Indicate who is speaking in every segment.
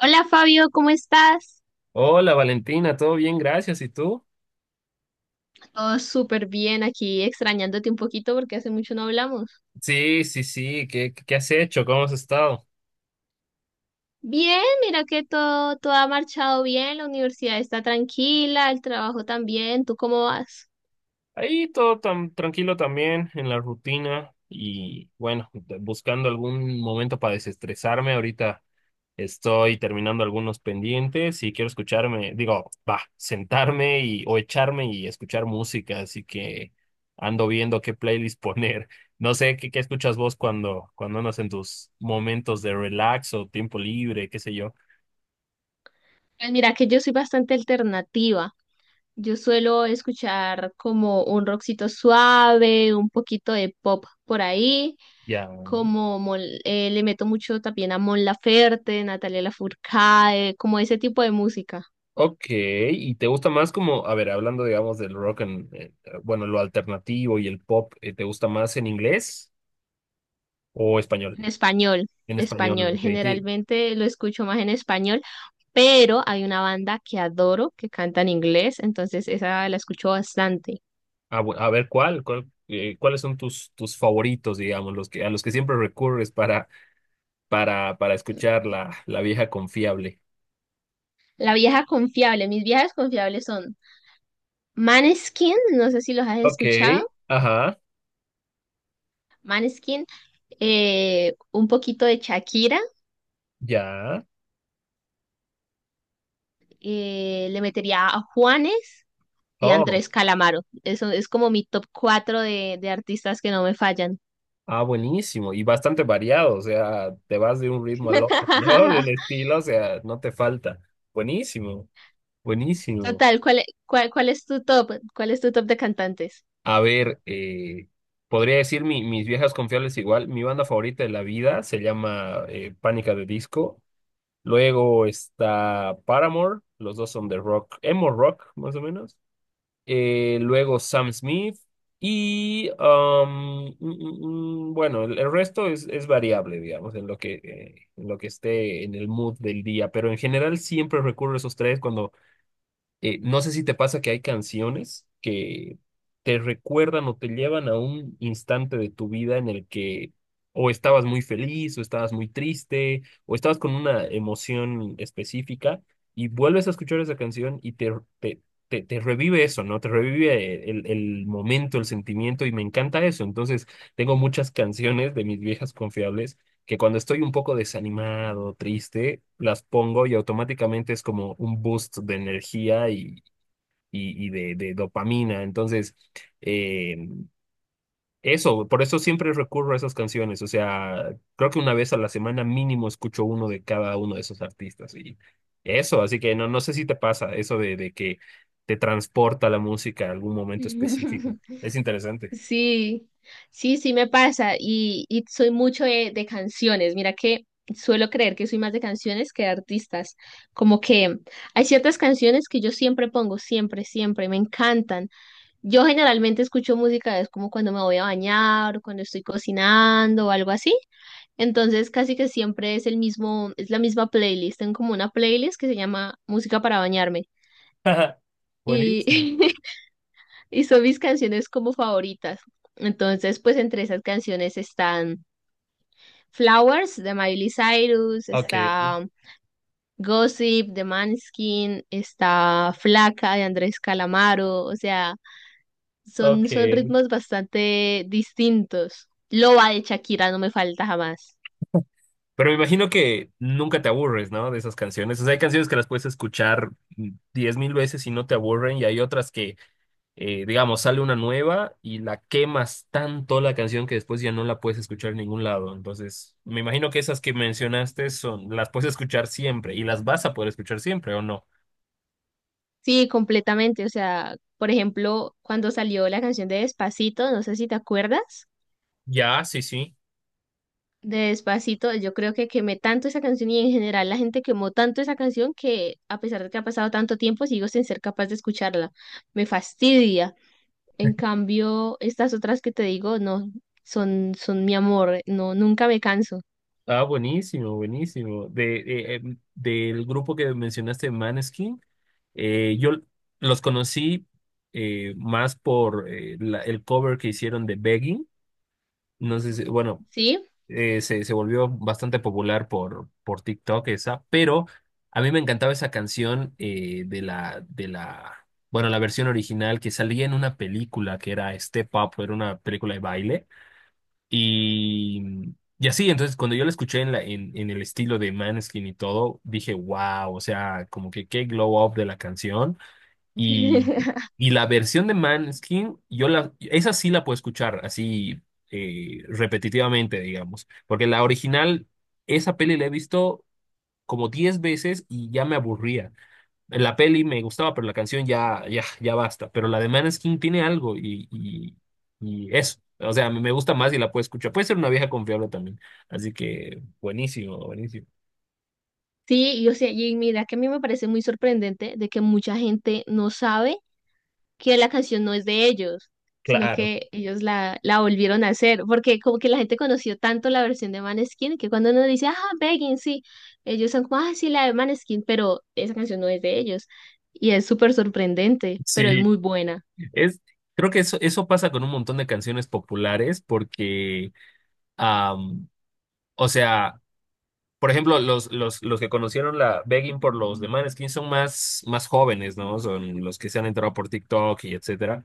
Speaker 1: Hola Fabio, ¿cómo estás?
Speaker 2: Hola Valentina, todo bien, gracias. ¿Y tú?
Speaker 1: Todo súper bien aquí, extrañándote un poquito porque hace mucho no hablamos.
Speaker 2: Sí, sí, sí. ¿Qué has hecho? ¿Cómo has estado?
Speaker 1: Bien, mira que todo ha marchado bien, la universidad está tranquila, el trabajo también. ¿Tú cómo vas?
Speaker 2: Ahí todo tan tranquilo también en la rutina y bueno, buscando algún momento para desestresarme. Ahorita estoy terminando algunos pendientes y quiero escucharme, digo, va, sentarme y o echarme y escuchar música, así que ando viendo qué playlist poner. No sé qué escuchas vos cuando andas en tus momentos de relax o tiempo libre, qué sé yo.
Speaker 1: Pues mira que yo soy bastante alternativa. Yo suelo escuchar como un rockcito suave, un poquito de pop por ahí,
Speaker 2: Ya.
Speaker 1: como le meto mucho también a Mon Laferte, Natalia Lafourcade, como ese tipo de música.
Speaker 2: Ok, ¿y te gusta más como, a ver, hablando digamos del rock, bueno, lo alternativo y el pop, te gusta más en inglés o español?
Speaker 1: En español,
Speaker 2: En español,
Speaker 1: español.
Speaker 2: ok.
Speaker 1: Generalmente lo escucho más en español, pero hay una banda que adoro que canta en inglés, entonces esa la escucho bastante.
Speaker 2: A ver, ¿cuáles son tus favoritos, digamos, los que, a los que siempre recurres para escuchar la vieja confiable?
Speaker 1: La vieja confiable, mis viejas confiables son Maneskin, no sé si los has
Speaker 2: Ok,
Speaker 1: escuchado.
Speaker 2: ajá,
Speaker 1: Maneskin, un poquito de Shakira,
Speaker 2: ya.
Speaker 1: le metería a Juanes y a
Speaker 2: Oh,
Speaker 1: Andrés Calamaro. Eso es como mi top 4 de artistas que no me fallan.
Speaker 2: ah, buenísimo. Y bastante variado, o sea, te vas de un ritmo al otro, ¿no? De un estilo, o sea, no te falta. Buenísimo. Buenísimo.
Speaker 1: Total, ¿ cuál es tu top? ¿Cuál es tu top de cantantes?
Speaker 2: A ver, podría decir mis viejas confiables igual. Mi banda favorita de la vida se llama Pánica de Disco. Luego está Paramore, los dos son de rock, emo rock, más o menos. Luego Sam Smith y, um, mm, mm, mm, bueno, el resto es variable, digamos, en lo que esté en el mood del día. Pero en general siempre recurro a esos tres cuando... no sé si te pasa que hay canciones que te recuerdan o te llevan a un instante de tu vida en el que o estabas muy feliz o estabas muy triste o estabas con una emoción específica y vuelves a escuchar esa canción y te, te revive eso, ¿no? Te revive el momento, el sentimiento y me encanta eso. Entonces, tengo muchas canciones de mis viejas confiables que cuando estoy un poco desanimado, triste, las pongo y automáticamente es como un boost de energía y de dopamina. Entonces, eh, eso, por eso siempre recurro a esas canciones. O sea, creo que una vez a la semana mínimo escucho uno de cada uno de esos artistas. Y eso, así que no, no sé si te pasa eso de que te transporta la música a algún momento específico. Es interesante.
Speaker 1: Sí, sí, sí me pasa y soy mucho de canciones. Mira que suelo creer que soy más de canciones que de artistas. Como que hay ciertas canciones que yo siempre pongo, siempre, siempre, me encantan. Yo generalmente escucho música, es como cuando me voy a bañar o cuando estoy cocinando o algo así. Entonces casi que siempre es el mismo, es la misma playlist. Tengo como una playlist que se llama Música para bañarme, y,
Speaker 2: Buenísimo.
Speaker 1: y son mis canciones como favoritas. Entonces, pues entre esas canciones están Flowers de Miley Cyrus,
Speaker 2: Ok,
Speaker 1: está Gossip de Maneskin, está Flaca de Andrés Calamaro. O sea,
Speaker 2: ok.
Speaker 1: son, son ritmos bastante distintos. Loba de Shakira no me falta jamás.
Speaker 2: Pero me imagino que nunca te aburres, ¿no? De esas canciones. O sea, hay canciones que las puedes escuchar diez mil veces y no te aburren, y hay otras que, digamos, sale una nueva y la quemas tanto la canción que después ya no la puedes escuchar en ningún lado. Entonces, me imagino que esas que mencionaste son, las puedes escuchar siempre y las vas a poder escuchar siempre, ¿o no?
Speaker 1: Sí, completamente, o sea, por ejemplo, cuando salió la canción de Despacito, no sé si te acuerdas.
Speaker 2: Ya, sí, sí.
Speaker 1: De Despacito, yo creo que quemé tanto esa canción y en general la gente quemó tanto esa canción que a pesar de que ha pasado tanto tiempo sigo sin ser capaz de escucharla. Me fastidia. En cambio, estas otras que te digo, no, son, son mi amor, no, nunca me canso.
Speaker 2: Ah, buenísimo, buenísimo. De, del grupo que mencionaste, Maneskin. Yo los conocí más por el cover que hicieron de Begging. No sé si, bueno,
Speaker 1: ¿Sí?
Speaker 2: se volvió bastante popular por TikTok esa, pero a mí me encantaba esa canción bueno, la versión original que salía en una película que era Step Up, era una película de baile. Y así, entonces cuando yo la escuché en el estilo de Maneskin y todo, dije, wow, o sea, como que qué glow up de la canción. Y, y la versión de Maneskin, esa sí la puedo escuchar así repetitivamente, digamos, porque la original, esa peli la he visto como 10 veces y ya me aburría. La peli me gustaba, pero la canción ya, ya, ya basta. Pero la de Maneskin tiene algo y eso. O sea, me gusta más y la puedo escuchar. Puede ser una vieja confiable también. Así que buenísimo, buenísimo.
Speaker 1: Sí, y, o sea, y mira que a mí me parece muy sorprendente de que mucha gente no sabe que la canción no es de ellos, sino
Speaker 2: Claro,
Speaker 1: que ellos la, la volvieron a hacer, porque como que la gente conoció tanto la versión de Maneskin que cuando uno dice, ah, Begging, sí, ellos son como, ah, sí, la de Maneskin, pero esa canción no es de ellos. Y es súper sorprendente, pero es
Speaker 2: sí.
Speaker 1: muy buena.
Speaker 2: Es, creo que eso pasa con un montón de canciones populares porque, am, o sea, por ejemplo, los que conocieron la Begging por los de Maneskin son más, más jóvenes, ¿no? Son los que se han entrado por TikTok y etcétera.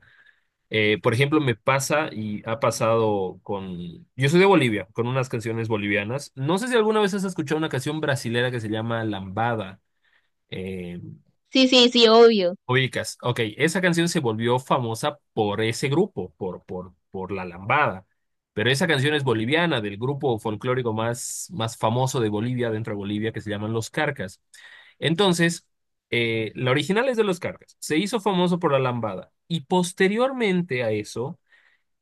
Speaker 2: Por ejemplo, me pasa y ha pasado con... Yo soy de Bolivia, con unas canciones bolivianas. No sé si alguna vez has escuchado una canción brasilera que se llama Lambada. Eh,
Speaker 1: Sí, sí, sí, obvio.
Speaker 2: Ubicas, ok, esa canción se volvió famosa por ese grupo, por La Lambada, pero esa canción es boliviana, del grupo folclórico más, más famoso de Bolivia, dentro de Bolivia, que se llaman Los Carcas. Entonces, la original es de Los Carcas, se hizo famoso por La Lambada, y posteriormente a eso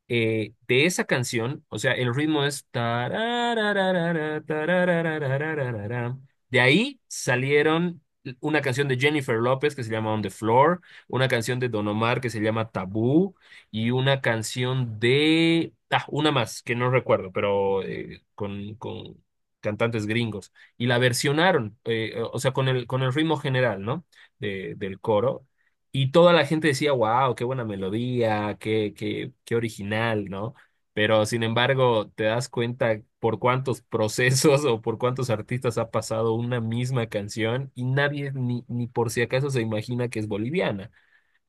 Speaker 2: de esa canción, o sea, el ritmo es... tarararara, tararararararara. De ahí salieron una canción de Jennifer López que se llama On the Floor, una canción de Don Omar que se llama Tabú y una canción de... Ah, una más que no recuerdo, pero con cantantes gringos. Y la versionaron, o sea, con el ritmo general, ¿no? Del coro y toda la gente decía, wow, qué buena melodía, qué original, ¿no? Pero sin embargo, te das cuenta por cuántos procesos o por cuántos artistas ha pasado una misma canción y nadie ni por si acaso se imagina que es boliviana.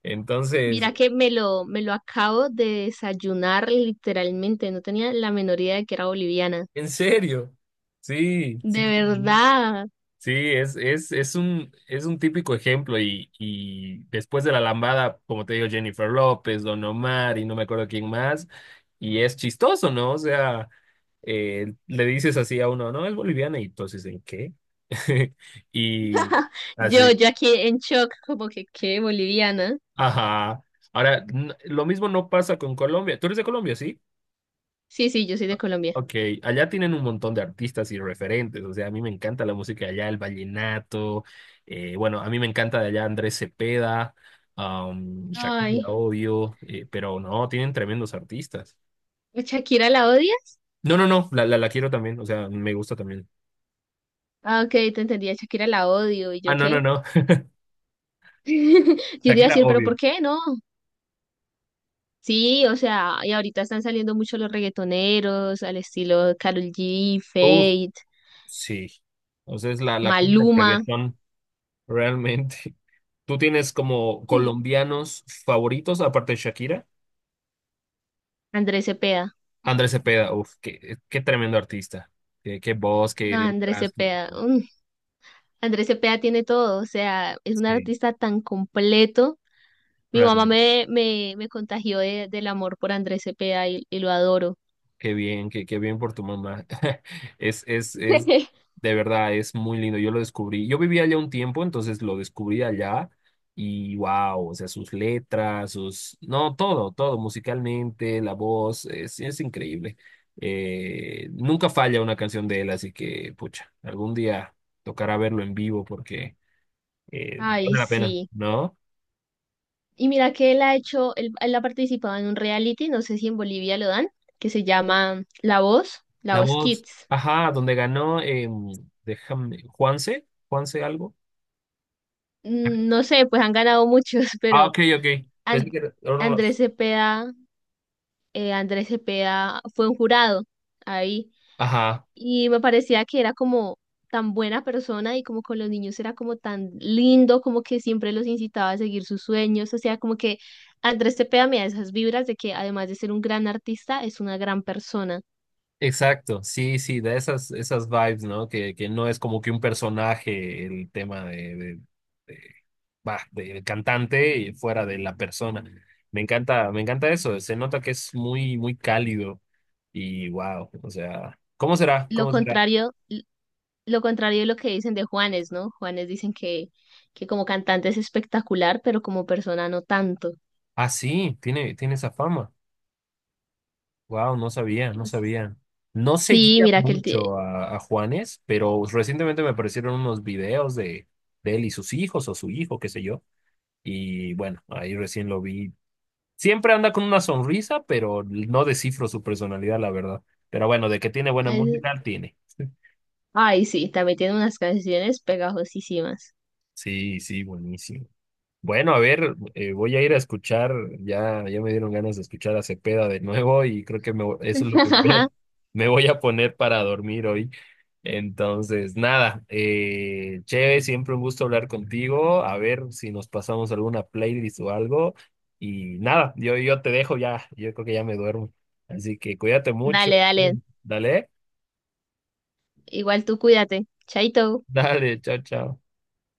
Speaker 2: Entonces,
Speaker 1: Mira que me lo acabo de desayunar literalmente, no tenía la menor idea de que era boliviana.
Speaker 2: en serio, sí, sí.
Speaker 1: De
Speaker 2: Sí, sí.
Speaker 1: verdad.
Speaker 2: Sí, es un típico ejemplo y después de la lambada, como te digo, Jennifer López, Don Omar y no me acuerdo quién más, y es chistoso, ¿no? O sea, le dices así a uno, no, es boliviana y entonces, ¿en qué? Y
Speaker 1: Yo,
Speaker 2: así,
Speaker 1: yo aquí en shock, como que, ¿qué? Boliviana.
Speaker 2: ajá. Ahora, lo mismo no pasa con Colombia. Tú eres de Colombia, ¿sí?
Speaker 1: Sí, sí, yo soy de Colombia.
Speaker 2: Ok, allá tienen un montón de artistas y referentes, o sea, a mí me encanta la música de allá, el vallenato, bueno, a mí me encanta de allá Andrés Cepeda, Shakira,
Speaker 1: Ay,
Speaker 2: obvio, pero no, tienen tremendos artistas.
Speaker 1: ¿a ¿Shakira la odias?
Speaker 2: No, no, no, la quiero también, o sea, me gusta también.
Speaker 1: Ah, ok, te entendí, a Shakira la odio, ¿y
Speaker 2: Ah,
Speaker 1: yo
Speaker 2: no, no,
Speaker 1: qué?
Speaker 2: no,
Speaker 1: Yo te iba a
Speaker 2: Shakira,
Speaker 1: decir, ¿pero
Speaker 2: obvio.
Speaker 1: por qué no? Sí, o sea, y ahorita están saliendo mucho los reggaetoneros al estilo Karol G,
Speaker 2: Uf,
Speaker 1: Fate,
Speaker 2: sí, o sea, es la cuna del
Speaker 1: Maluma.
Speaker 2: reggaetón, realmente. ¿Tú tienes como
Speaker 1: Mm.
Speaker 2: colombianos favoritos aparte de Shakira?
Speaker 1: Andrés Cepeda.
Speaker 2: Andrés Cepeda, uf, qué tremendo artista. Qué voz, qué
Speaker 1: No, Andrés
Speaker 2: letras. Qué...
Speaker 1: Cepeda, mm, Andrés Cepeda tiene todo, o sea, es un
Speaker 2: sí,
Speaker 1: artista tan completo. Mi mamá
Speaker 2: realmente.
Speaker 1: me contagió del amor por Andrés Cepeda y lo adoro.
Speaker 2: Qué bien, qué bien por tu mamá. Es, es, es, de verdad, es muy lindo. Yo lo descubrí. Yo vivía allá un tiempo, entonces lo descubrí allá. Y wow, o sea, sus letras, sus... No, todo, todo, musicalmente, la voz, es increíble. Nunca falla una canción de él, así que, pucha, algún día tocará verlo en vivo porque
Speaker 1: Ay,
Speaker 2: vale la pena,
Speaker 1: sí.
Speaker 2: ¿no?
Speaker 1: Y mira que él ha hecho, él ha participado en un reality, no sé si en Bolivia lo dan, que se llama La Voz, La
Speaker 2: La
Speaker 1: Voz
Speaker 2: voz,
Speaker 1: Kids.
Speaker 2: ajá, donde ganó, déjame, Juanse, Juanse algo.
Speaker 1: Mm, no sé, pues han ganado muchos,
Speaker 2: Ah,
Speaker 1: pero
Speaker 2: ok, ok. Pensé
Speaker 1: And-
Speaker 2: que era de
Speaker 1: Andrés Cepeda, Andrés Cepeda fue un jurado ahí
Speaker 2: ajá,
Speaker 1: y me parecía que era como tan buena persona y como con los niños era como tan lindo, como que siempre los incitaba a seguir sus sueños, o sea, como que Andrés Cepeda me da esas vibras de que además de ser un gran artista, es una gran persona.
Speaker 2: exacto. Sí, sí, de esas, esas vibes, ¿no? Que no es como que un personaje el tema de- va, del cantante y fuera de la persona. Me encanta eso. Se nota que es muy, muy cálido. Y wow, o sea, ¿cómo será?
Speaker 1: Lo
Speaker 2: ¿Cómo será?
Speaker 1: contrario lo contrario de lo que dicen de Juanes, ¿no? Juanes dicen que como cantante es espectacular, pero como persona no tanto.
Speaker 2: Ah, sí, tiene, tiene esa fama. Wow, no sabía, no
Speaker 1: Pues,
Speaker 2: sabía. No
Speaker 1: sí,
Speaker 2: seguía
Speaker 1: mira que él tiene...
Speaker 2: mucho a Juanes, pero recientemente me aparecieron unos videos de él y sus hijos o su hijo, qué sé yo. Y bueno, ahí recién lo vi. Siempre anda con una sonrisa, pero no descifro su personalidad, la verdad. Pero bueno, de que tiene buena música, tiene.
Speaker 1: Ay, sí, también tiene unas canciones pegajosísimas.
Speaker 2: Sí, sí, buenísimo. Bueno, a ver, voy a ir a escuchar, ya me dieron ganas de escuchar a Cepeda de nuevo y creo que me, eso es lo que voy a... me voy a poner para dormir hoy. Entonces, nada, che, siempre un gusto hablar contigo, a ver si nos pasamos alguna playlist o algo y nada, yo te dejo ya, yo creo que ya me duermo. Así que cuídate mucho.
Speaker 1: Dale, dale.
Speaker 2: Dale,
Speaker 1: Igual tú cuídate. Chaito.
Speaker 2: dale, chao, chao.